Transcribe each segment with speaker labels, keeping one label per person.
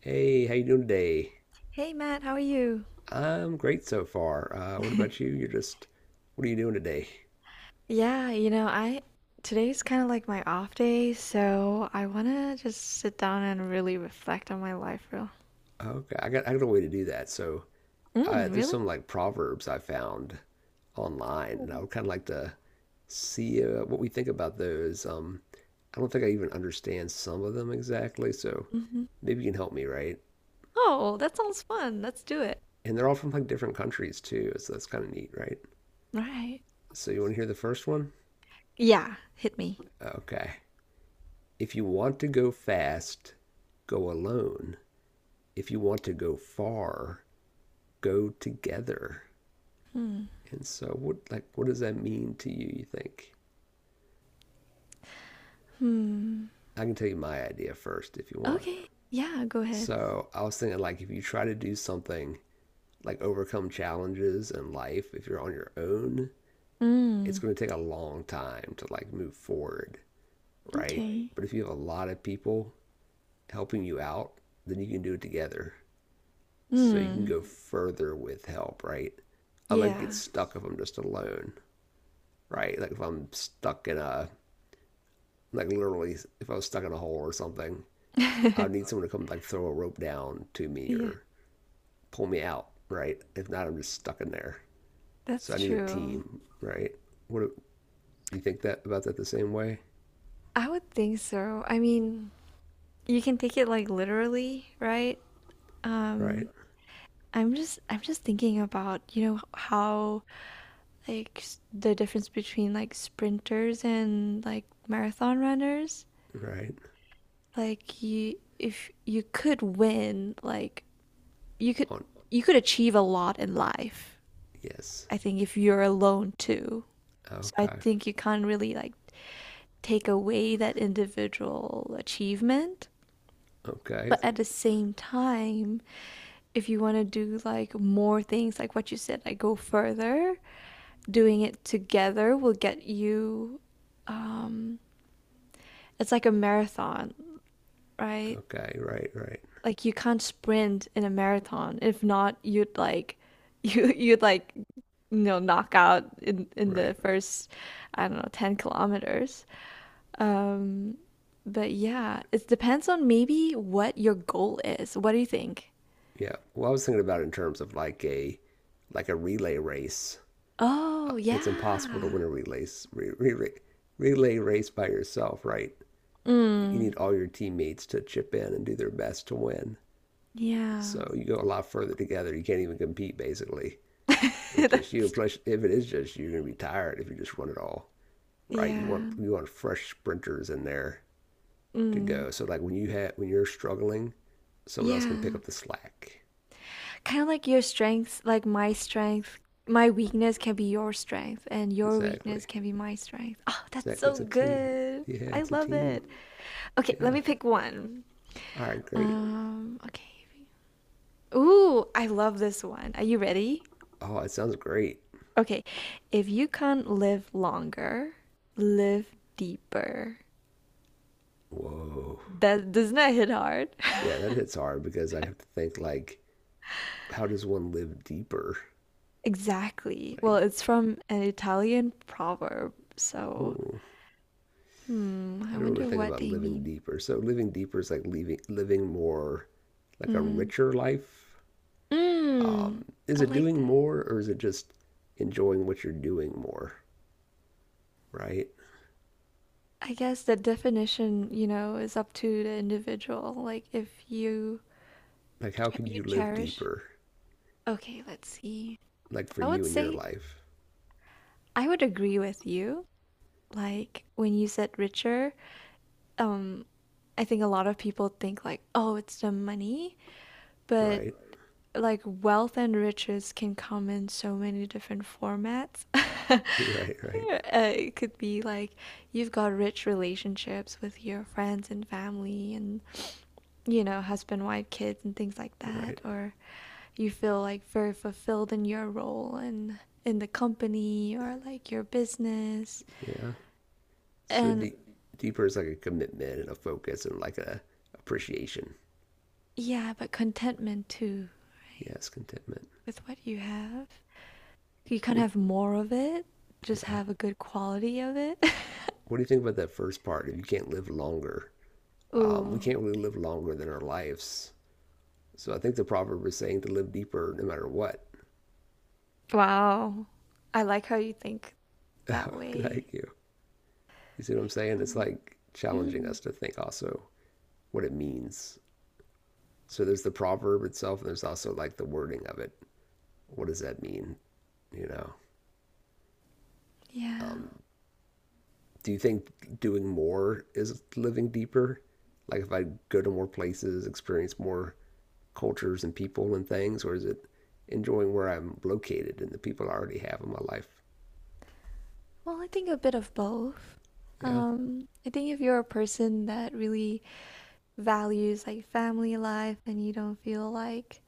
Speaker 1: Hey, how you doing today?
Speaker 2: Hey Matt, how are you?
Speaker 1: I'm great so far. What about you? What are you doing today?
Speaker 2: Yeah, you know, I today's kind of like my off day, so I want to just sit down and really reflect on my life real.
Speaker 1: Okay, I got a way to do that. So
Speaker 2: Mm,
Speaker 1: there's some
Speaker 2: really?
Speaker 1: like proverbs I found online, and I
Speaker 2: Oh,
Speaker 1: would kind of like to see what we think about those. I don't think I even understand some of them exactly, so
Speaker 2: hmm.
Speaker 1: maybe you can help me, right?
Speaker 2: Oh, that sounds fun. Let's do it.
Speaker 1: And they're all from like different countries too, so that's kind of neat, right?
Speaker 2: Right.
Speaker 1: So you want to hear the first one?
Speaker 2: Yeah, hit me.
Speaker 1: Okay. If you want to go fast, go alone. If you want to go far, go together.
Speaker 2: Hmm.
Speaker 1: And so, what does that mean to you? You think?
Speaker 2: Hmm.
Speaker 1: I can tell you my idea first if you want.
Speaker 2: Okay. Yeah, go ahead.
Speaker 1: So I was thinking like if you try to do something like overcome challenges in life, if you're on your own, it's
Speaker 2: Mm,
Speaker 1: going to take a long time to like move forward, right?
Speaker 2: okay.
Speaker 1: But if you have a lot of people helping you out, then you can do it together. So you can
Speaker 2: Hmm.
Speaker 1: go further with help, right? I might get
Speaker 2: Yeah.
Speaker 1: stuck if I'm just alone. Right? Like if I'm stuck in a like literally if I was stuck in a hole or something, I'd need someone to come like throw a rope down to me
Speaker 2: Yeah,
Speaker 1: or pull me out, right? If not, I'm just stuck in there. So I
Speaker 2: that's
Speaker 1: need a
Speaker 2: true.
Speaker 1: team, right? What do you think that about that the same way?
Speaker 2: I would think so. I mean, you can take it like literally, right?
Speaker 1: Right,
Speaker 2: Um, I'm just thinking about, you know, how like the difference between like sprinters and like marathon runners.
Speaker 1: right.
Speaker 2: Like you if you could win, like you could
Speaker 1: On
Speaker 2: you could achieve a lot in life.
Speaker 1: yes.
Speaker 2: I think if you're alone too. So I
Speaker 1: Okay.
Speaker 2: think you can't really like take away that individual achievement.
Speaker 1: Okay.
Speaker 2: But at the same time, if you want to do like more things, like what you said, like go further doing it together will get you um it's like a marathon, right?
Speaker 1: Okay. Right. Right.
Speaker 2: Like you can't sprint in a marathon. If not, you'd like you'd like you know knock out in the
Speaker 1: Right.
Speaker 2: first I don't know 10 kilometers. Um but yeah, it depends on maybe what your goal is. What do you think?
Speaker 1: Yeah. Well, I was thinking about it in terms of like a relay race.
Speaker 2: Oh,
Speaker 1: It's impossible to
Speaker 2: yeah.
Speaker 1: win a re, relay race by yourself, right? You need
Speaker 2: Mm,
Speaker 1: all your teammates to chip in and do their best to win.
Speaker 2: yeah.
Speaker 1: So you go a lot further together. You can't even compete basically. If it's just you, and
Speaker 2: That's true.
Speaker 1: plus if it is just you, you're gonna be tired if you just run it all, right? You want
Speaker 2: Yeah.
Speaker 1: you want fresh sprinters in there to
Speaker 2: Mm,
Speaker 1: go. So like when you have when you're struggling, someone else can pick
Speaker 2: yeah.
Speaker 1: up the slack.
Speaker 2: Kind of like your strengths, like my strength, my weakness can be your strength, and your
Speaker 1: Exactly.
Speaker 2: weakness can be my strength. Oh, that's
Speaker 1: Exactly.
Speaker 2: so
Speaker 1: It's a team.
Speaker 2: good.
Speaker 1: Yeah,
Speaker 2: I
Speaker 1: it's a
Speaker 2: love
Speaker 1: team.
Speaker 2: it. Okay, let
Speaker 1: Yeah.
Speaker 2: me pick one.
Speaker 1: All right, great.
Speaker 2: Okay. Ooh, I love this one. Are you ready?
Speaker 1: Oh, it sounds great.
Speaker 2: Okay. If you can't live longer, live deeper.
Speaker 1: Whoa.
Speaker 2: That doesn't that hit hard?
Speaker 1: Yeah, that hits hard because I have to think like, how does one live deeper?
Speaker 2: Exactly. Well,
Speaker 1: Like,
Speaker 2: it's from an Italian proverb, so
Speaker 1: ooh,
Speaker 2: hmm,
Speaker 1: I
Speaker 2: I
Speaker 1: don't really
Speaker 2: wonder
Speaker 1: think
Speaker 2: what
Speaker 1: about
Speaker 2: they
Speaker 1: living
Speaker 2: mean.
Speaker 1: deeper. So living deeper is like leaving, living more, like a
Speaker 2: Hmm.
Speaker 1: richer life.
Speaker 2: Mm,
Speaker 1: Is
Speaker 2: I
Speaker 1: it
Speaker 2: like
Speaker 1: doing
Speaker 2: that.
Speaker 1: more or is it just enjoying what you're doing more? Right?
Speaker 2: I guess the definition, you know, is up to the individual. Like if you
Speaker 1: Like, how
Speaker 2: ch
Speaker 1: could
Speaker 2: you
Speaker 1: you live
Speaker 2: cherish.
Speaker 1: deeper?
Speaker 2: Okay, let's see.
Speaker 1: Like for
Speaker 2: I would
Speaker 1: you in your
Speaker 2: say
Speaker 1: life,
Speaker 2: I would agree with you. Like when you said richer, um, I think a lot of people think like, oh, it's the money, but
Speaker 1: right?
Speaker 2: like wealth and riches can come in so many different formats.
Speaker 1: Right, right,
Speaker 2: It could be like you've got rich relationships with your friends and family and you know husband wife kids and things like
Speaker 1: right.
Speaker 2: that or you feel like very fulfilled in your role and in the company or like your business
Speaker 1: Yeah. So
Speaker 2: and
Speaker 1: deep, deeper is like a commitment and a focus and like a appreciation.
Speaker 2: yeah but contentment too
Speaker 1: Yes, contentment.
Speaker 2: with what you have you can't
Speaker 1: What.
Speaker 2: have more of it just
Speaker 1: Yeah.
Speaker 2: have a good quality of it
Speaker 1: What do you think about that first part? If you can't live longer, we
Speaker 2: ooh.
Speaker 1: can't really live longer than our lives. So I think the proverb is saying to live deeper no matter what.
Speaker 2: Wow. I like how you think that way.
Speaker 1: Thank you. You see what I'm saying? It's
Speaker 2: Um,
Speaker 1: like challenging
Speaker 2: Mm,
Speaker 1: us to think also what it means. So there's the proverb itself, and there's also like the wording of it. What does that mean? You know,
Speaker 2: yeah.
Speaker 1: um, do you think doing more is living deeper? Like if I go to more places, experience more cultures and people and things, or is it enjoying where I'm located and the people I already have in my life?
Speaker 2: Well, I think a bit of both.
Speaker 1: Yeah,
Speaker 2: I think if you're a person that really values like family life and you don't feel like,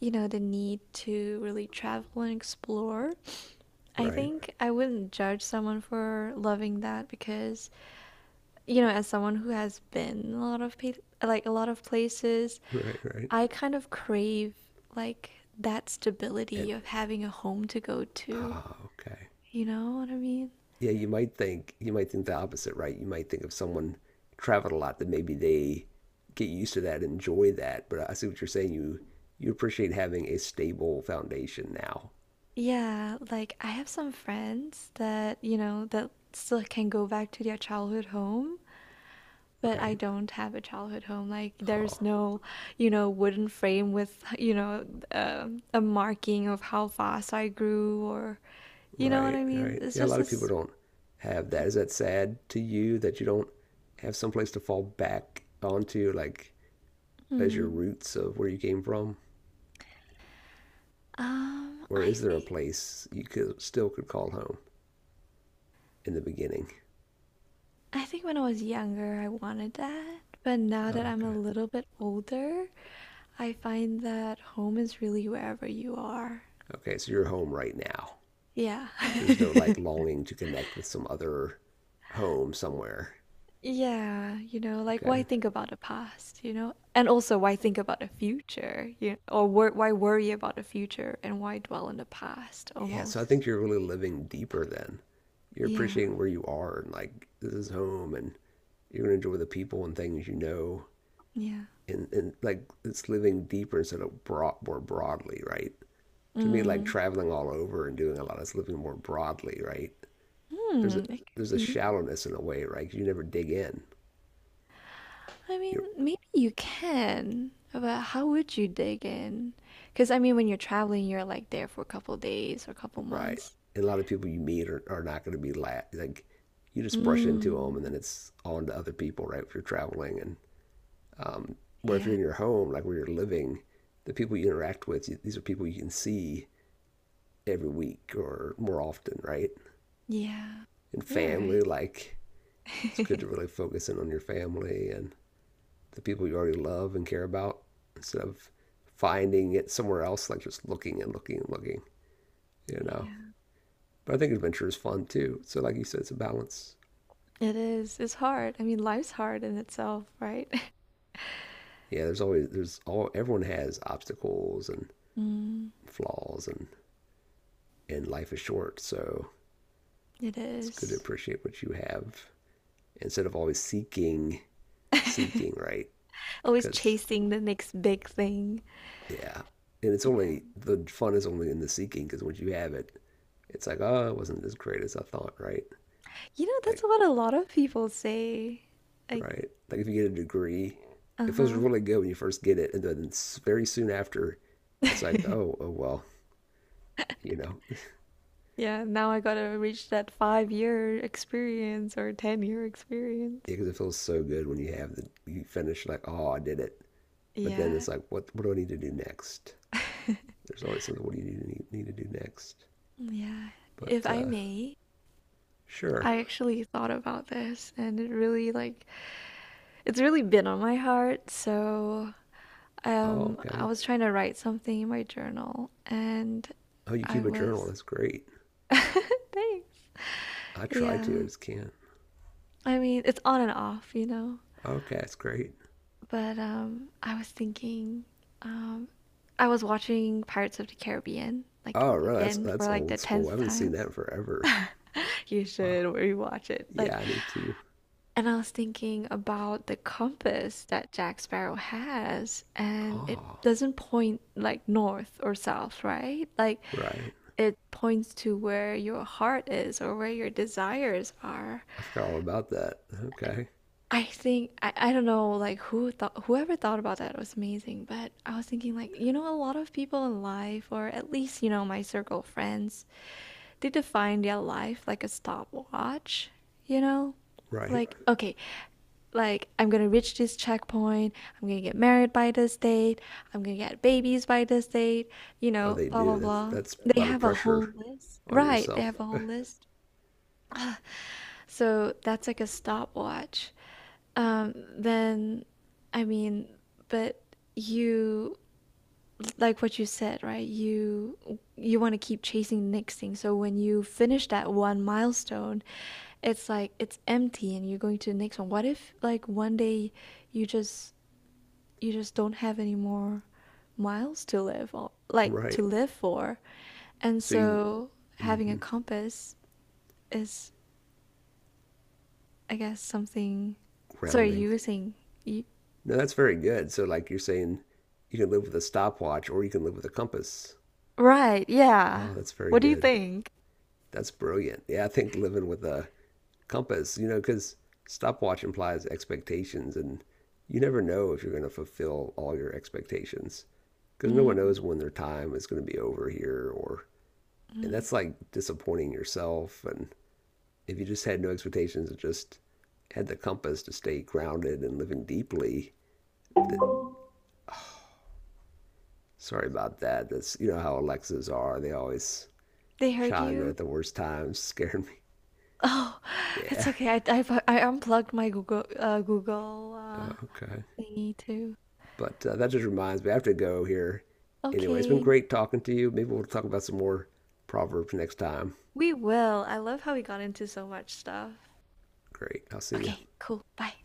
Speaker 2: you know, the need to really travel and explore, I
Speaker 1: right,
Speaker 2: think I wouldn't judge someone for loving that because, you know, as someone who has been a lot of pa like a lot of places,
Speaker 1: right, right.
Speaker 2: I kind of crave like that
Speaker 1: And
Speaker 2: stability of having a home to go to.
Speaker 1: ah, okay.
Speaker 2: You know what I mean?
Speaker 1: Yeah, you might think the opposite, right? You might think of someone traveled a lot that maybe they get used to that, enjoy that. But I see what you're saying. You appreciate having a stable foundation now,
Speaker 2: Yeah, like I have some friends that, you know, that still can go back to their childhood home, but I
Speaker 1: right?
Speaker 2: don't have a childhood home. Like
Speaker 1: Oh,
Speaker 2: there's no, you know, wooden frame with, you know, a marking of how fast I grew or, you know what
Speaker 1: right,
Speaker 2: I mean?
Speaker 1: right.
Speaker 2: It's
Speaker 1: Yeah, a lot
Speaker 2: just
Speaker 1: of people
Speaker 2: this.
Speaker 1: don't have that. Is that sad to you that you don't have someplace to fall back onto, like as your
Speaker 2: Hmm.
Speaker 1: roots of where you came from? Or
Speaker 2: I
Speaker 1: is there a
Speaker 2: think.
Speaker 1: place you could still could call home in the beginning?
Speaker 2: I think when I was younger, I wanted that. But now
Speaker 1: Oh,
Speaker 2: that I'm a
Speaker 1: okay.
Speaker 2: little bit older, I find that home is really wherever you are.
Speaker 1: Okay, so you're home right now.
Speaker 2: Yeah.
Speaker 1: There's no like longing to connect with some other home somewhere.
Speaker 2: Yeah, you know, like why
Speaker 1: Okay.
Speaker 2: think about the past, you know? And also why think about the future, you know, or wor why worry about the future and why dwell on the past
Speaker 1: Yeah, so I
Speaker 2: almost.
Speaker 1: think you're really living deeper then. You're
Speaker 2: Yeah.
Speaker 1: appreciating where you are and like this is home and you're gonna enjoy the people and things you know
Speaker 2: Yeah.
Speaker 1: and like it's living deeper instead of broad, more broadly, right? To me, like
Speaker 2: Mm.
Speaker 1: traveling all over and doing a lot is living more broadly, right? There's a
Speaker 2: Hmm, it could
Speaker 1: there's a
Speaker 2: be.
Speaker 1: shallowness in a way, right? 'Cause you never dig in,
Speaker 2: I mean,
Speaker 1: you're
Speaker 2: maybe you can, but how would you dig in? Because I mean, when you're traveling, you're like there for a couple days or a couple
Speaker 1: right.
Speaker 2: months.
Speaker 1: And a lot of people you meet are not going to be like you just brush into them, and then
Speaker 2: Mm.
Speaker 1: it's on to other people, right? If you're traveling, and um, where if you're
Speaker 2: Yeah.
Speaker 1: in your home, like where you're living, the people you interact with, you, these are people you can see every week or more often, right?
Speaker 2: Yeah.
Speaker 1: And
Speaker 2: You're
Speaker 1: family,
Speaker 2: right.
Speaker 1: like it's good to really focus in on your family and the people you already love and care about instead of finding it somewhere else, like just looking and looking and looking, you know.
Speaker 2: Yeah.
Speaker 1: But I think adventure is fun too. So like you said, it's a balance.
Speaker 2: It is. It's hard. I mean, life's hard in itself, right?
Speaker 1: Yeah, there's always there's all everyone has obstacles and
Speaker 2: Mm,
Speaker 1: flaws and life is short, so
Speaker 2: it
Speaker 1: it's good to
Speaker 2: is.
Speaker 1: appreciate what you have instead of always seeking, right?
Speaker 2: Always
Speaker 1: Because
Speaker 2: chasing the next big thing.
Speaker 1: yeah. And it's only the fun is only in the seeking because once you have it, it's like, oh, it wasn't as great as I thought, right?
Speaker 2: You know, that's
Speaker 1: Like,
Speaker 2: what a lot of people say. Like,
Speaker 1: right? Like if you get a degree, it feels
Speaker 2: uh-huh.
Speaker 1: really good when you first get it, and then very soon after, it's like, oh, oh well, you know,
Speaker 2: Yeah, now I gotta reach that 5 year experience or 10-year experience.
Speaker 1: because it feels so good when you have the you finish like, oh, I did it. But then
Speaker 2: Yeah,
Speaker 1: it's like, what do I need to do next? There's always something. What do you need to do next?
Speaker 2: yeah. If
Speaker 1: But
Speaker 2: I may,
Speaker 1: sure.
Speaker 2: I actually thought about this and it really, like, it's really been on my heart. So,
Speaker 1: Oh,
Speaker 2: I
Speaker 1: okay.
Speaker 2: was trying to write something in my journal and
Speaker 1: Oh, you
Speaker 2: I
Speaker 1: keep a journal.
Speaker 2: was.
Speaker 1: That's great.
Speaker 2: Thanks.
Speaker 1: I try
Speaker 2: Yeah.
Speaker 1: to. I just can't.
Speaker 2: I mean, it's on and off, you know?
Speaker 1: Okay, that's great.
Speaker 2: But I was thinking, um, I was watching Pirates of the Caribbean, like
Speaker 1: Oh, really?
Speaker 2: again for
Speaker 1: That's
Speaker 2: like the
Speaker 1: old school. I
Speaker 2: tenth
Speaker 1: haven't seen
Speaker 2: time.
Speaker 1: that in forever.
Speaker 2: You
Speaker 1: Wow.
Speaker 2: should rewatch it. Like,
Speaker 1: Yeah, I need to.
Speaker 2: and I was thinking about the compass that Jack Sparrow has, and it
Speaker 1: Oh,
Speaker 2: doesn't point like north or south, right? Like,
Speaker 1: right.
Speaker 2: it points to where your heart is or where your desires are.
Speaker 1: I forgot all about that. Okay.
Speaker 2: I don't know like whoever thought about that was amazing, but I was thinking like you know a lot of people in life or at least you know my circle of friends they define their life like a stopwatch, you know?
Speaker 1: Right.
Speaker 2: Like okay, like I'm gonna reach this checkpoint, I'm gonna get married by this date, I'm gonna get babies by this date, you
Speaker 1: Oh,
Speaker 2: know,
Speaker 1: they
Speaker 2: blah blah
Speaker 1: do.
Speaker 2: blah.
Speaker 1: That's a
Speaker 2: They
Speaker 1: lot of
Speaker 2: have a whole
Speaker 1: pressure
Speaker 2: list.
Speaker 1: on
Speaker 2: Right, they
Speaker 1: yourself.
Speaker 2: have a whole list. So that's like a stopwatch. Um, then, I mean, but you like what you said, right? You want to keep chasing the next thing. So when you finish that one milestone, it's like it's empty, and you're going to the next one. What if like one day you just you just don't have any more miles to live or like to
Speaker 1: Right.
Speaker 2: live for, and
Speaker 1: So you
Speaker 2: so having a compass is I guess something. Sorry,
Speaker 1: grounding.
Speaker 2: you were saying. You...
Speaker 1: No, that's very good. So like you're saying you can live with a stopwatch or you can live with a compass.
Speaker 2: Right, yeah.
Speaker 1: Oh, that's very
Speaker 2: What do you
Speaker 1: good.
Speaker 2: think?
Speaker 1: That's brilliant. Yeah, I think living with a compass, you know, because stopwatch implies expectations, and you never know if you're going to fulfill all your expectations because no
Speaker 2: Mm,
Speaker 1: one knows when their time is going to be over here, or and
Speaker 2: mm,
Speaker 1: that's like disappointing yourself. And if you just had no expectations and just had the compass to stay grounded and living deeply,
Speaker 2: mhm.
Speaker 1: sorry about that. That's you know how Alexas are; they always
Speaker 2: They heard
Speaker 1: chime in
Speaker 2: you?
Speaker 1: at the worst times, scaring me.
Speaker 2: Oh, it's
Speaker 1: Yeah.
Speaker 2: okay. I unplugged my Google Google
Speaker 1: Okay.
Speaker 2: thingy too.
Speaker 1: But that just reminds me, I have to go here. Anyway, it's been
Speaker 2: Okay,
Speaker 1: great talking to you. Maybe we'll talk about some more proverbs next time.
Speaker 2: we will. I love how we got into so much stuff.
Speaker 1: Great. I'll see you.
Speaker 2: Okay, cool. Bye.